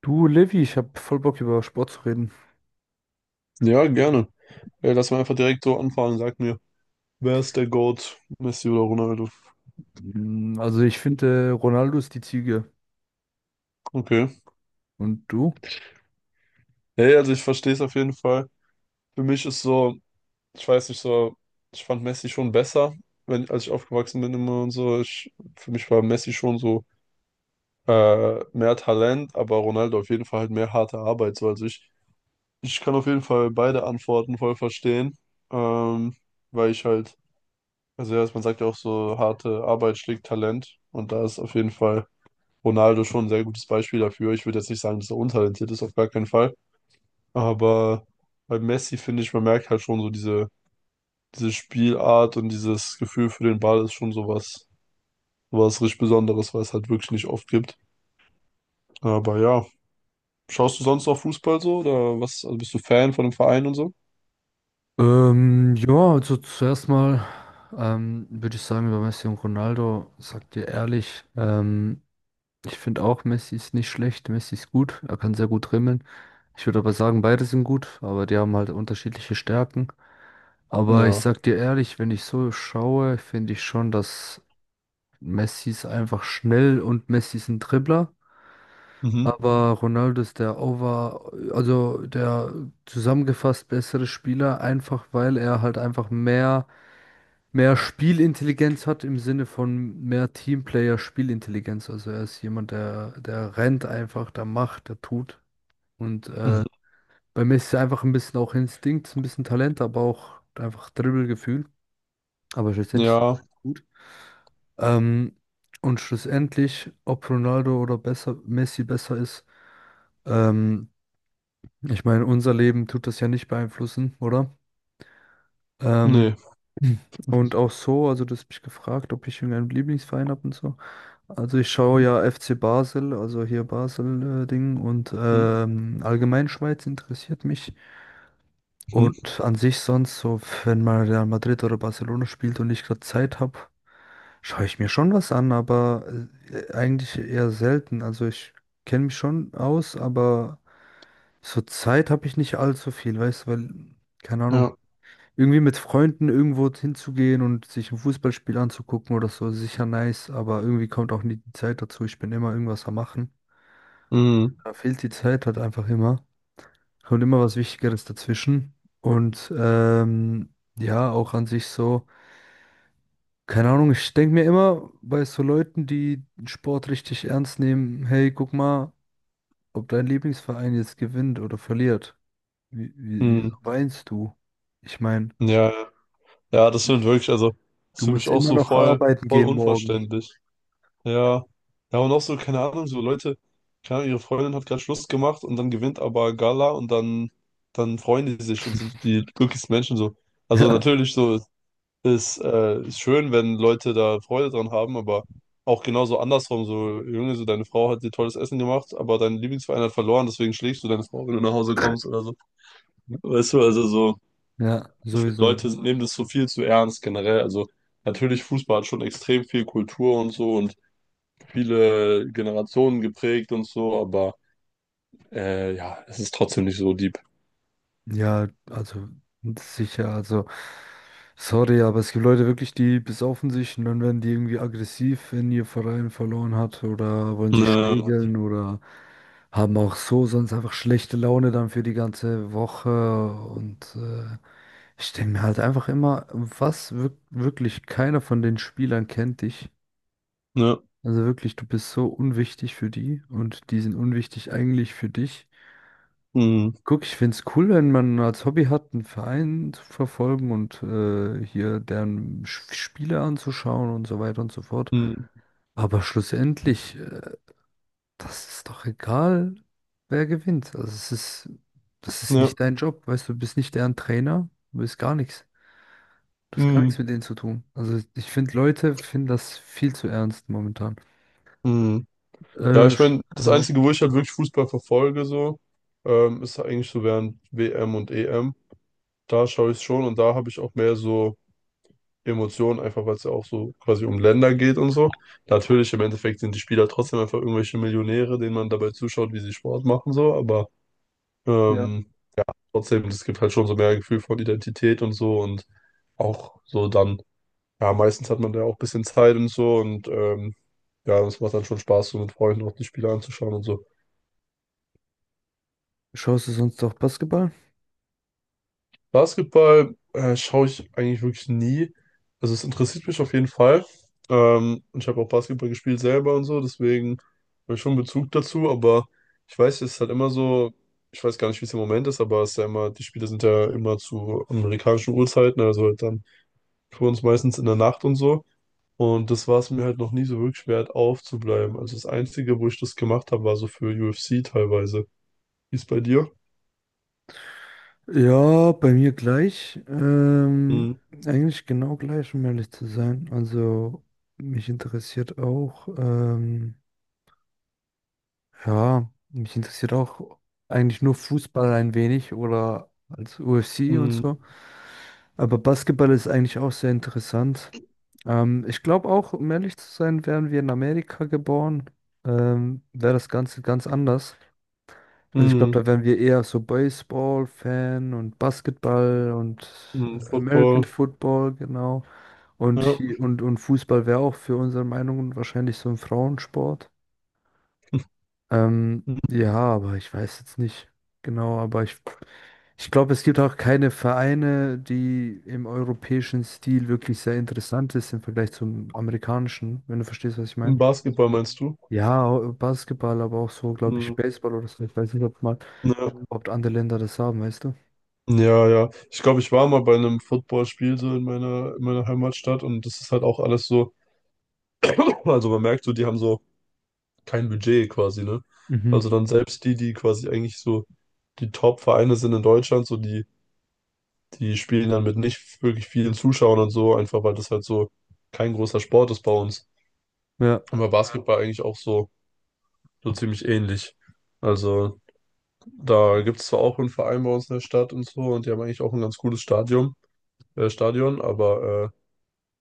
Du, Levi, ich habe voll Bock über Sport zu reden. Ja, gerne. Lass mal einfach direkt so anfangen. Sag mir, wer ist der GOAT? Messi oder Ronaldo? Mm, also ich finde, Ronaldo ist die Ziege. Okay. Und du? Hey, also ich verstehe es auf jeden Fall. Für mich ist so, ich weiß nicht so, ich fand Messi schon besser, wenn, als ich aufgewachsen bin immer und so. Ich, für mich war Messi schon so mehr Talent, aber Ronaldo auf jeden Fall halt mehr harte Arbeit. So, also ich kann auf jeden Fall beide Antworten voll verstehen, ähm, weil ich halt, also ja, man sagt ja auch so, harte Arbeit schlägt Talent und da ist auf jeden Fall Ronaldo schon ein sehr gutes Beispiel dafür. Ich würde jetzt nicht sagen, dass er untalentiert ist, auf gar keinen Fall. Aber bei Messi finde ich, man merkt halt schon so diese Spielart und dieses Gefühl für den Ball ist schon sowas richtig Besonderes, was es halt wirklich nicht oft gibt. Aber ja, schaust du sonst auch Fußball so oder was? Also bist du Fan von einem Verein und so? Ja, also zuerst mal würde ich sagen, über Messi und Ronaldo, sagt dir ehrlich, ich finde auch, Messi ist nicht schlecht, Messi ist gut, er kann sehr gut dribbeln. Ich würde aber sagen, beide sind gut, aber die haben halt unterschiedliche Stärken. Aber ich Ja. sag dir ehrlich, wenn ich so schaue, finde ich schon, dass Messi ist einfach schnell und Messi ist ein Dribbler. Mhm. Aber Ronaldo ist der over, also der zusammengefasst bessere Spieler, einfach weil er halt einfach mehr Spielintelligenz hat im Sinne von mehr Teamplayer-Spielintelligenz. Also er ist jemand, der rennt einfach, der macht, der tut. Und Mhm. bei Messi ist einfach ein bisschen auch Instinkt, ein bisschen Talent, aber auch einfach Dribbelgefühl. Aber schlussendlich sind Ja. beide gut. Ähm, und schlussendlich, ob Ronaldo oder besser, Messi besser ist, ähm, ich meine, unser Leben tut das ja nicht beeinflussen, oder? Ähm, Nee. und auch so, also du hast mich gefragt, ob ich irgendeinen Lieblingsverein habe und so. Also ich schaue ja FC Basel, also hier Basel-Ding und Mhm. Allgemein Schweiz interessiert mich. Mhm. Und an sich sonst, so wenn mal Real Madrid oder Barcelona spielt und ich gerade Zeit habe, schaue ich mir schon was an, aber eigentlich eher selten. Also ich kenne mich schon aus, aber so Zeit habe ich nicht allzu viel, weißt du, weil, keine Ahnung, Ja. irgendwie mit Freunden irgendwo hinzugehen und sich ein Fußballspiel anzugucken oder so, ist sicher nice, aber irgendwie kommt auch nie die Zeit dazu. Ich bin immer irgendwas am Machen. Mhm. Da fehlt die Zeit halt einfach immer. Kommt immer was Wichtigeres dazwischen. Und ja, auch an sich so. Keine Ahnung, ich denke mir immer bei so Leuten, die den Sport richtig ernst nehmen, hey, guck mal, ob dein Lieblingsverein jetzt gewinnt oder verliert. Wieso Mhm. weinst du? Ich meine, Ja. Ja, das sind wirklich, also, das ist du für mich musst auch immer so noch voll, arbeiten voll gehen morgen. unverständlich. Ja, ja, und auch so, keine Ahnung, so Leute, keine Ahnung, ihre Freundin hat gerade Schluss gemacht und dann gewinnt aber Gala und dann, dann freuen die sich und sind die glücklichsten Menschen so. Also natürlich so ist, ist schön, wenn Leute da Freude dran haben, aber auch genauso andersrum, so, Junge, so deine Frau hat dir tolles Essen gemacht, aber dein Lieblingsverein hat verloren, deswegen schlägst du deine Frau, wenn du nach Hause kommst oder so. Ja, Weißt du, also so, ja, ich finde, sowieso. Leute nehmen das so viel zu ernst generell. Also natürlich, Fußball hat schon extrem viel Kultur und so und viele Generationen geprägt und so, aber ja, es ist trotzdem nicht so deep. Ja, also sicher, also sorry, aber es gibt Leute wirklich, die besaufen sich und dann werden die irgendwie aggressiv, wenn ihr Verein verloren hat oder wollen sich Ne, schlägeln oder haben auch so sonst einfach schlechte Laune dann für die ganze Woche und ich denke mir halt einfach immer, was wirklich keiner von den Spielern kennt dich. ne, Also wirklich, du bist so unwichtig für die und die sind unwichtig eigentlich für dich. mm, Guck, ich find's cool, wenn man als Hobby hat, einen Verein zu verfolgen und hier deren Spiele anzuschauen und so weiter und so fort. mm, Aber schlussendlich, das ist doch egal, wer gewinnt. Also es ist, das ist ne, nicht dein Job, weißt du, du bist nicht deren Trainer, du bist gar nichts. Du hast gar mm, nichts mit denen zu tun. Also ich finde, Leute finden das viel zu ernst momentan. mm. Ja, Äh, ich sch- meine, das ja. Einzige, wo ich halt wirklich Fußball verfolge, so, ist eigentlich so während WM und EM. Da schaue ich schon und da habe ich auch mehr so Emotionen, einfach weil es ja auch so quasi um Länder geht und so. Natürlich, im Endeffekt sind die Spieler trotzdem einfach irgendwelche Millionäre, denen man dabei zuschaut, wie sie Sport machen, so, aber Ja. ähm, trotzdem, es gibt halt schon so mehr Gefühl von Identität und so und auch so dann, ja, meistens hat man da auch ein bisschen Zeit und so und ja, das macht dann schon Spaß, so mit Freunden auch die Spiele anzuschauen und so. Schaust du sonst auch Basketball? Basketball schaue ich eigentlich wirklich nie. Also es interessiert mich auf jeden Fall. Und ich habe auch Basketball gespielt selber und so, deswegen habe ich schon Bezug dazu, aber ich weiß, es ist halt immer so, ich weiß gar nicht, wie es im Moment ist, aber es ist ja immer, die Spiele sind ja immer zu amerikanischen Uhrzeiten, also halt dann für uns meistens in der Nacht und so. Und das war es mir halt noch nie so wirklich wert, aufzubleiben. Also das Einzige, wo ich das gemacht habe, war so für UFC teilweise. Wie ist bei dir? Ja, bei mir gleich. Mm, Eigentlich genau gleich, um ehrlich zu sein. Also mich interessiert auch, ja, mich interessiert auch eigentlich nur Fußball ein wenig oder als UFC und mm, so. Aber Basketball ist eigentlich auch sehr interessant. Ich glaube auch, um ehrlich zu sein, wären wir in Amerika geboren, wäre das Ganze ganz anders. Also ich glaube, mm, da wären wir eher so Baseball-Fan und Basketball und mm, American Football. Football, genau. Und, Ja. hier, und Fußball wäre auch für unsere Meinungen wahrscheinlich so ein Frauensport. Mm, Ja, aber ich weiß jetzt nicht genau, aber ich glaube, es gibt auch keine Vereine, die im europäischen Stil wirklich sehr interessant ist im Vergleich zum amerikanischen, wenn du verstehst, was ich im meine. Basketball meinst du? Ja, Basketball, aber auch so, glaube ich, Mm, Baseball oder so. Ich weiß nicht, ob mal, ja. ob andere Länder das haben, weißt du? Ja, ja. Ich glaube, ich war mal bei einem Footballspiel so in in meiner Heimatstadt und das ist halt auch alles so. Also man merkt so, die haben so kein Budget quasi, ne? Mhm. Also dann selbst die quasi eigentlich so die Top-Vereine sind in Deutschland, so die spielen dann mit nicht wirklich vielen Zuschauern und so, einfach weil das halt so kein großer Sport ist bei uns. Ja. Aber ja. Basketball eigentlich auch so, so ziemlich ähnlich. Also da gibt es zwar auch einen Verein bei uns in der Stadt und so und die haben eigentlich auch ein ganz cooles Stadion, aber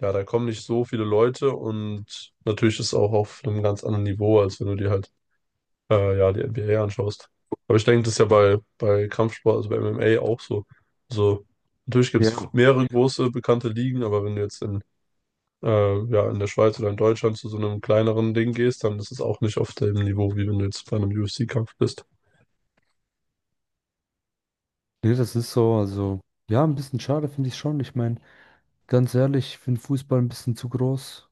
ja, da kommen nicht so viele Leute und natürlich ist es auch auf einem ganz anderen Niveau, als wenn du dir halt ja, die NBA anschaust. Aber ich denke, das ist ja bei Kampfsport, also bei MMA auch so. So, natürlich gibt es Ja. mehrere große bekannte Ligen, aber wenn du jetzt in ja, in der Schweiz oder in Deutschland zu so einem kleineren Ding gehst, dann ist es auch nicht auf dem Niveau, wie wenn du jetzt bei einem UFC-Kampf bist. Nee, das ist so. Also, ja, ein bisschen schade finde ich schon. Ich meine, ganz ehrlich, ich finde Fußball ein bisschen zu groß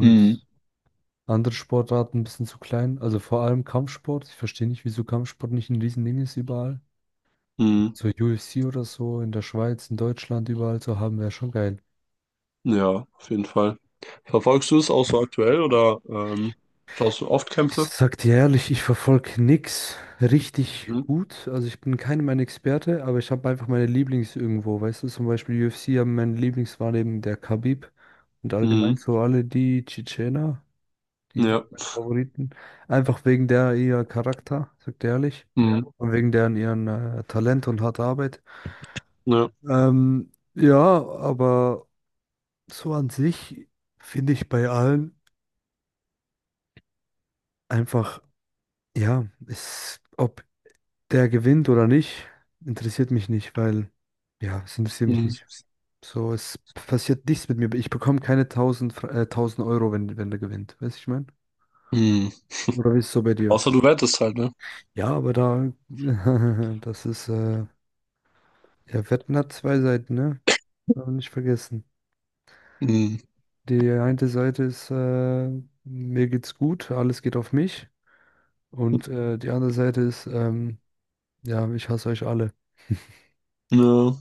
Mhm. andere Sportarten ein bisschen zu klein. Also vor allem Kampfsport. Ich verstehe nicht, wieso Kampfsport nicht ein Riesending ist überall. Mhm. So UFC oder so in der Schweiz, in Deutschland, überall zu haben, wäre schon geil. Ja, auf jeden Fall. Verfolgst du es auch so aktuell oder schaust du oft Ich Kämpfe? sag dir ehrlich, ich verfolge nix richtig Mhm. gut. Also ich bin keinem ein Experte, aber ich habe einfach meine Lieblings irgendwo. Weißt du, zum Beispiel UFC haben meine Lieblings war eben der Khabib und Mhm. allgemein so alle die Tschetschener, die waren Ja. meine Favoriten. Einfach wegen der ihr Charakter, sag dir ehrlich. Mhm. Und wegen deren ihren Talent und harter Arbeit. Ja. Ja, aber so an sich finde ich bei allen einfach, ja, ist, ob der gewinnt oder nicht, interessiert mich nicht, weil, ja, es interessiert mich Mhm. nicht. So, es passiert nichts mit mir. Ich bekomme keine 1000 Euro, wenn der gewinnt. Weißt du, ich meine? Mhm. Oder wie ist es so bei dir? Außer du wettest halt, ne? Ja, aber da, das ist, ja, Wetten hat zwei Seiten, ne? Darf man nicht vergessen. Mhm. Die eine Seite ist, mir geht's gut, alles geht auf mich. Und die andere Seite ist, ja, ich hasse euch alle. Ja.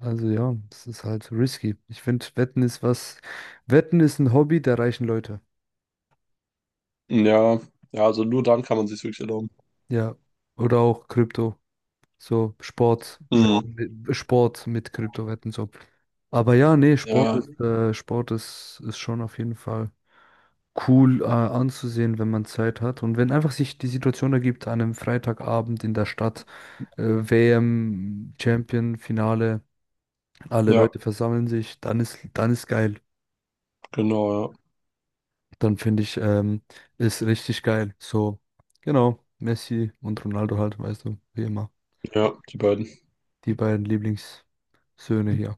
Also ja, das ist halt risky. Ich finde, Wetten ist was. Wetten ist ein Hobby der reichen Leute. Ja. Ja, also nur dann kann man sich wirklich erlauben. Ja. Oder auch Krypto. So Sport, Mhm. Wetten, Sport mit Kryptowetten so. Aber ja, nee, Ja. Sport ist, ist schon auf jeden Fall cool, anzusehen, wenn man Zeit hat. Und wenn einfach sich die Situation ergibt, an einem Freitagabend in der Stadt, äh, WM, Champion, Finale, alle Ja, Leute versammeln sich, dann ist geil. genau, Dann finde ich, ist richtig geil. So, genau, Messi und Ronaldo halt, weißt du, wie immer. ja. Ja, die beiden. Die beiden Lieblingssöhne hier.